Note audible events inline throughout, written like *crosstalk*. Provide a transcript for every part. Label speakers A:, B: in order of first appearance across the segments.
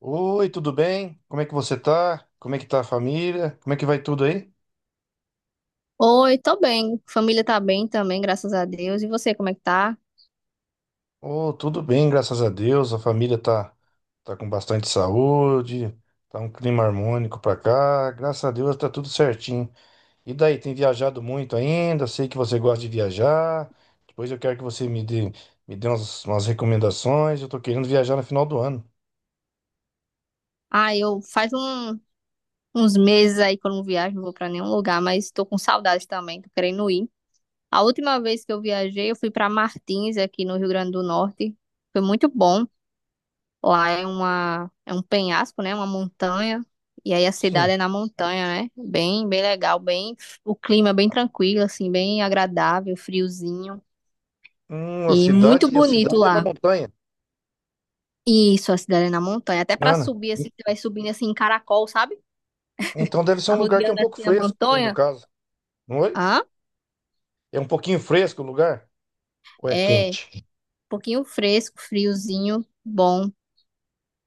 A: Oi, tudo bem? Como é que você tá? Como é que tá a família? Como é que vai tudo aí?
B: Oi, tô bem. Família tá bem também, graças a Deus. E você, como é que tá?
A: Oh, tudo bem, graças a Deus. A família tá com bastante saúde, tá um clima harmônico pra cá. Graças a Deus tá tudo certinho. E daí, tem viajado muito ainda? Sei que você gosta de viajar. Depois eu quero que me dê umas recomendações. Eu tô querendo viajar no final do ano.
B: Ah, eu faz uns meses aí que eu não viajo, não vou pra nenhum lugar, mas tô com saudade também, tô querendo ir. A última vez que eu viajei, eu fui pra Martins, aqui no Rio Grande do Norte. Foi muito bom. Lá é uma, é um penhasco, né? Uma montanha. E aí a cidade
A: Sim.
B: é na montanha, né? Bem, bem legal, bem, o clima é bem tranquilo, assim, bem agradável, friozinho. E muito
A: E a
B: bonito
A: cidade é na
B: lá.
A: montanha.
B: Isso, a cidade é na montanha. Até pra
A: Nana.
B: subir, assim, você vai subindo assim em caracol, sabe?
A: Então deve ser um lugar que é um
B: Arrodeando
A: pouco
B: assim a
A: fresco, então, no
B: montanha.
A: caso. Não é?
B: Ah,
A: É um pouquinho fresco o lugar? Ou é
B: é. Um
A: quente?
B: pouquinho fresco, friozinho, bom,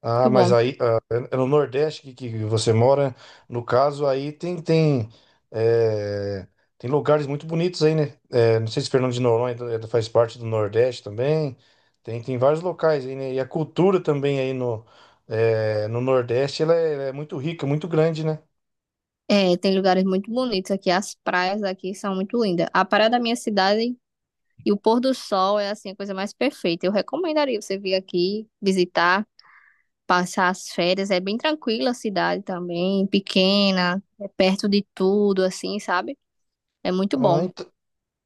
A: Ah,
B: muito
A: mas
B: bom.
A: aí ah, é no Nordeste que você mora. No caso, aí é, tem lugares muito bonitos aí, né? É, não sei se Fernando de Noronha é- faz parte do Nordeste também. Tem vários locais aí, né? E a cultura também aí no Nordeste, ela é muito rica, muito grande, né?
B: É, tem lugares muito bonitos aqui. As praias aqui são muito lindas. A praia da minha cidade e o pôr do sol é assim a coisa mais perfeita. Eu recomendaria você vir aqui visitar, passar as férias. É bem tranquila a cidade também, pequena, é perto de tudo, assim, sabe? É muito
A: Ah,
B: bom.
A: ent-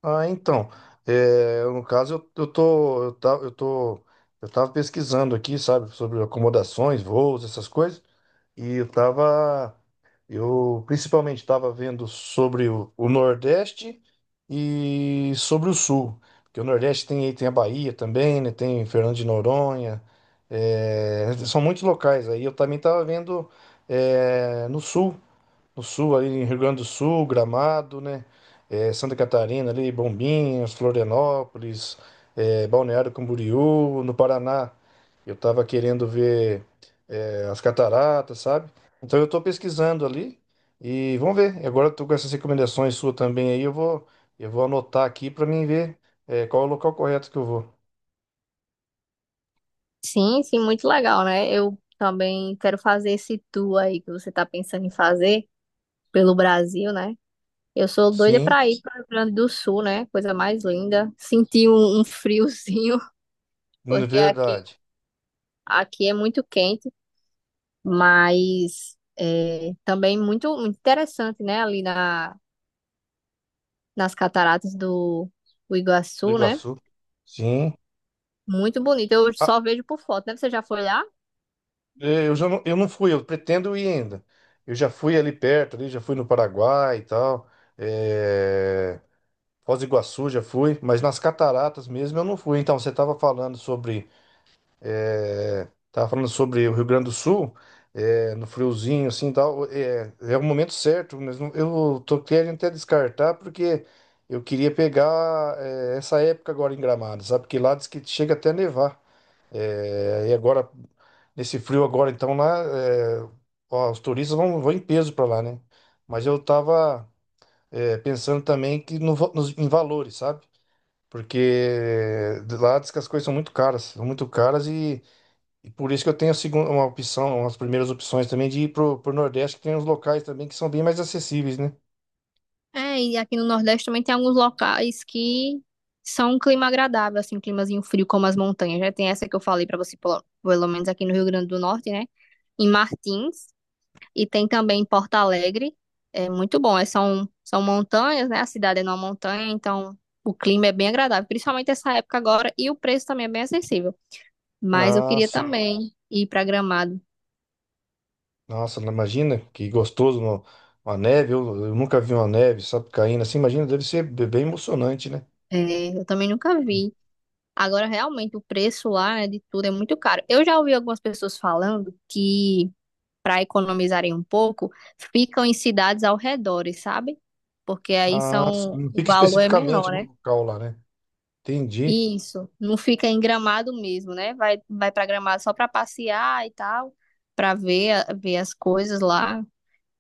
A: Ah, então, no caso eu tava pesquisando aqui, sabe, sobre acomodações, voos, essas coisas, e eu tava, eu principalmente estava vendo sobre o Nordeste e sobre o Sul, porque o Nordeste tem a Bahia também, né, tem Fernando de Noronha, é, são muitos locais aí, eu também tava vendo, é, no Sul, no sul, ali em Rio Grande do Sul, Gramado, né? É, Santa Catarina, ali, Bombinhas, Florianópolis, é, Balneário Camboriú, no Paraná. Eu tava querendo ver, é, as cataratas, sabe? Então eu tô pesquisando ali e vamos ver. E agora eu tô com essas recomendações suas também aí, eu vou anotar aqui para mim ver, é, qual é o local correto que eu vou.
B: Sim, sim, muito legal, né? Eu também quero fazer esse tour aí que você tá pensando em fazer pelo Brasil, né? Eu sou doida
A: Sim,
B: pra ir para o Rio Grande do Sul, né? Coisa mais linda. Senti um, friozinho, *laughs* porque aqui,
A: verdade.
B: aqui é muito quente, mas é, também muito, muito interessante, né? Ali nas cataratas do
A: Do
B: Iguaçu, né?
A: Iguaçu. Sim.
B: Muito bonito. Eu só vejo por foto, né? Você já foi lá?
A: É, eu já não, eu não fui, eu pretendo ir ainda. Eu já fui ali perto, ali, já fui no Paraguai e tal. É... Foz do Iguaçu já fui, mas nas cataratas mesmo eu não fui. Então, você estava falando sobre. É... Tava falando sobre o Rio Grande do Sul, é, no friozinho, assim, e tal. É, é o momento certo, mas eu tô querendo até descartar, porque eu queria pegar, é, essa época agora em Gramado, sabe? Porque lá diz que chega até a nevar. É, e agora nesse frio agora, então, lá, é, ó, os turistas vão em peso para lá, né? Mas eu tava, é, pensando também que no, va- nos, em valores, sabe? Porque de lá diz que as coisas são muito caras e por isso que eu tenho uma opção, umas primeiras opções também de ir pro Nordeste, que tem uns locais também que são bem mais acessíveis, né?
B: É, e aqui no Nordeste também tem alguns locais que são um clima agradável, assim, um climazinho frio, como as montanhas, né? Tem essa que eu falei pra você, pelo menos aqui no Rio Grande do Norte, né? Em Martins, e tem também em Porto Alegre, é muito bom, é, são, são montanhas, né? A cidade é numa montanha, então o clima é bem agradável, principalmente essa época agora, e o preço também é bem acessível. Mas eu
A: Ah,
B: queria
A: sim.
B: também ir pra Gramado,
A: Nossa, imagina que gostoso, uma neve, eu nunca vi uma neve, sabe, caindo assim, imagina, deve ser bem emocionante, né?
B: é, eu também nunca vi. Agora, realmente, o preço lá, né, de tudo é muito caro. Eu já ouvi algumas pessoas falando que, para economizarem um pouco, ficam em cidades ao redor, sabe? Porque aí
A: Ah, sim.
B: são,
A: Não
B: o
A: fica
B: valor é
A: especificamente
B: menor,
A: no
B: né?
A: local lá, né? Entendi.
B: Isso, não fica em Gramado mesmo, né? Vai, vai para Gramado só para passear e tal, para ver, ver as coisas lá.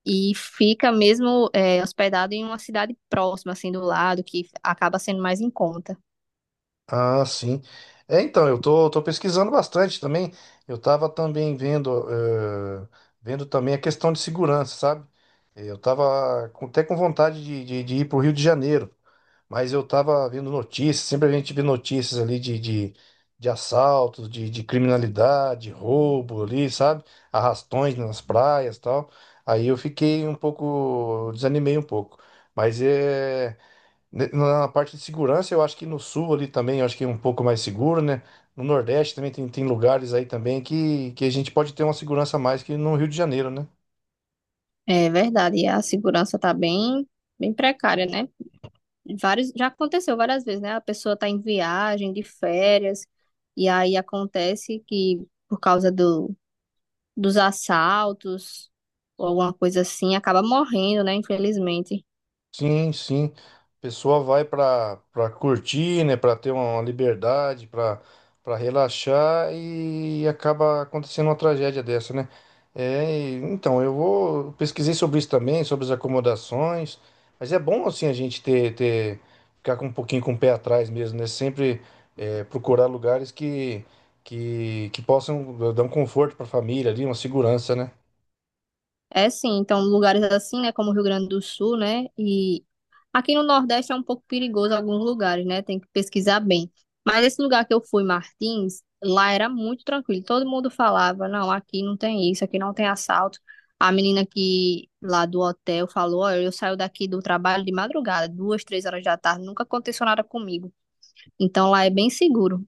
B: E fica mesmo é, hospedado em uma cidade próxima, assim, do lado, que acaba sendo mais em conta.
A: Ah, sim. É, então, tô pesquisando bastante também. Eu tava também vendo, eh, vendo também a questão de segurança, sabe? Eh, eu tava até com vontade de, de ir pro Rio de Janeiro, mas eu tava vendo notícias, sempre a gente vê notícias ali de assaltos, de criminalidade, roubo ali, sabe? Arrastões nas praias e tal. Aí eu fiquei um pouco, desanimei um pouco. Mas é. Na parte de segurança, eu acho que no sul ali também, eu acho que é um pouco mais seguro, né? No Nordeste também tem lugares aí também que a gente pode ter uma segurança a mais que no Rio de Janeiro, né?
B: É verdade, e a segurança tá bem, bem precária, né? Vários, já aconteceu várias vezes, né? A pessoa tá em viagem, de férias, e aí acontece que por causa dos assaltos ou alguma coisa assim, acaba morrendo, né? Infelizmente.
A: Sim, sim. A pessoa vai para para curtir, né, para ter uma liberdade, para para relaxar e acaba acontecendo uma tragédia dessa, né? É, então eu vou pesquisei sobre isso também, sobre as acomodações, mas é bom assim a gente ter ficar com um pouquinho com o pé atrás mesmo, né? Sempre é, procurar lugares que que possam dar um conforto para a família ali, uma segurança, né?
B: É sim, então lugares assim, né, como o Rio Grande do Sul, né, e aqui no Nordeste é um pouco perigoso alguns lugares, né? Tem que pesquisar bem. Mas esse lugar que eu fui, Martins, lá era muito tranquilo. Todo mundo falava, não, aqui não tem isso, aqui não tem assalto. A menina que lá do hotel falou, olha, eu saio daqui do trabalho de madrugada, 2, 3 horas da tarde, nunca aconteceu nada comigo. Então lá é bem seguro.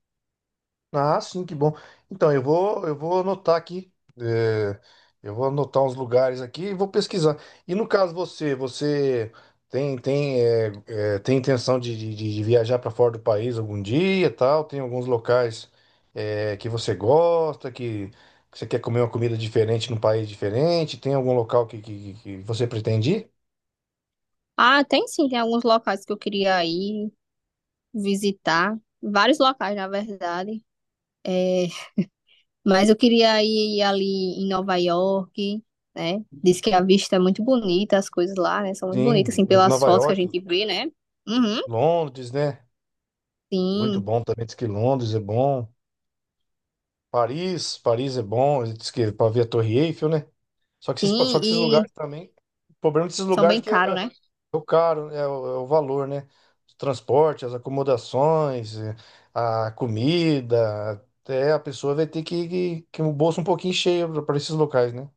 A: Ah, sim, que bom. Então, eu vou anotar aqui. É, eu vou anotar uns lugares aqui e vou pesquisar. E no caso você tem tem intenção de, de viajar para fora do país algum dia, e tal? Tem alguns locais é, que você gosta, que você quer comer uma comida diferente num país diferente? Tem algum local que você pretende ir?
B: Ah, tem sim, tem alguns locais que eu queria ir visitar, vários locais, na verdade. É, mas eu queria ir ali em Nova York, né? Diz que a vista é muito bonita, as coisas lá, né? São muito bonitas,
A: Sim,
B: assim, pelas
A: Nova
B: fotos que a
A: York,
B: gente vê, né? Uhum,
A: Londres, né? Muito
B: sim,
A: bom também. Diz que Londres é bom. Paris, Paris é bom, diz que para ver a Torre Eiffel, né? Só
B: sim,
A: que esses
B: e
A: lugares também, o problema desses
B: são
A: lugares
B: bem
A: é
B: caros, né?
A: é o caro, né? É é o valor, né? Os transportes, as acomodações, é, a comida, até a pessoa vai ter que o bolso um pouquinho cheio para esses locais, né?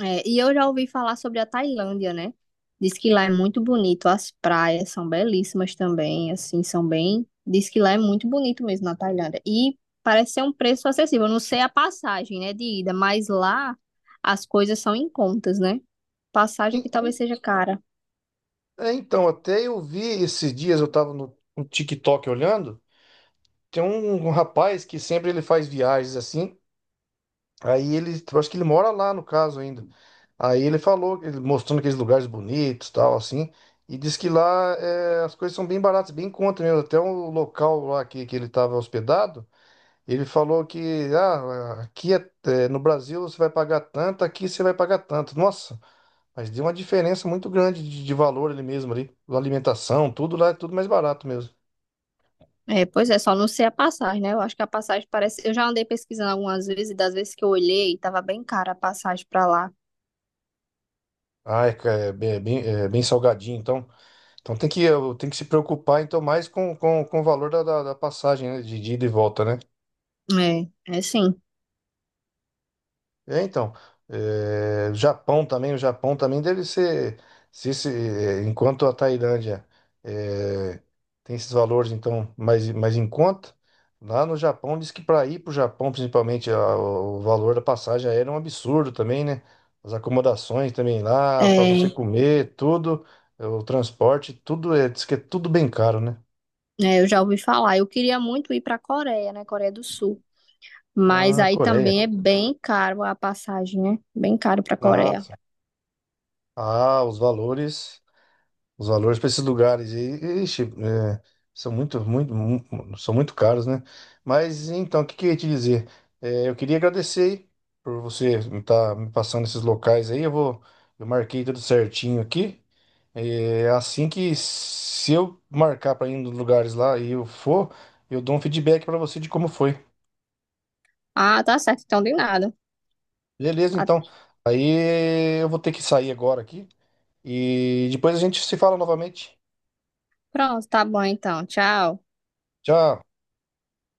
B: É, e eu já ouvi falar sobre a Tailândia, né? Diz que lá é muito bonito, as praias são belíssimas também, assim, são bem. Diz que lá é muito bonito mesmo na Tailândia. E parece ser um preço acessível. Eu não sei a passagem, né, de ida, mas lá as coisas são em contas, né? Passagem que
A: E-
B: talvez seja cara.
A: então, até eu vi esses dias, eu tava no TikTok olhando, tem um rapaz que sempre ele faz viagens assim. Aí ele, eu acho que ele mora lá no caso ainda. Aí ele falou, ele mostrando aqueles lugares bonitos, tal, assim, e diz que lá é, as coisas são bem baratas, bem em conta mesmo. Até o local lá que ele estava hospedado, ele falou que ah, aqui é, no Brasil você vai pagar tanto, aqui você vai pagar tanto. Nossa, mas deu uma diferença muito grande de valor ali mesmo ali, alimentação, tudo lá é tudo mais barato mesmo.
B: É, pois é, só não sei a passagem, né? Eu acho que a passagem parece. Eu já andei pesquisando algumas vezes, e das vezes que eu olhei, tava bem cara a passagem pra lá.
A: Ah, é, é bem, é bem salgadinho, então. Então tem que, tem que se preocupar então mais com, com o valor da passagem, né? De ida e volta, né?
B: É, é sim.
A: É, então, é, Japão também, o Japão também deve ser, se, é, enquanto a Tailândia é, tem esses valores então mais, mais em conta, lá no Japão diz que para ir para o Japão, principalmente, o valor da passagem aérea é um absurdo também, né? As acomodações também lá, para você
B: É,
A: comer, tudo, o transporte, tudo é, diz que é tudo bem caro, né?
B: é, eu já ouvi falar. Eu queria muito ir pra Coreia, né? Coreia do Sul. Mas
A: Na
B: aí
A: Coreia.
B: também é bem caro a passagem, né? Bem caro pra
A: Ah,
B: Coreia.
A: ah, os valores para esses lugares aí, ixi, é, são muito, são muito caros, né? Mas então, o que que eu ia te dizer? É, eu queria agradecer aí por você estar me passando esses locais aí. Eu vou, eu marquei tudo certinho aqui. É, assim que se eu marcar para ir nos lugares lá e eu for, eu dou um feedback para você de como foi.
B: Ah, tá certo, então de nada.
A: Beleza,
B: Ah,
A: então. Aí eu vou ter que sair agora aqui e depois a gente se fala novamente.
B: pronto, tá bom então. Tchau.
A: Tchau.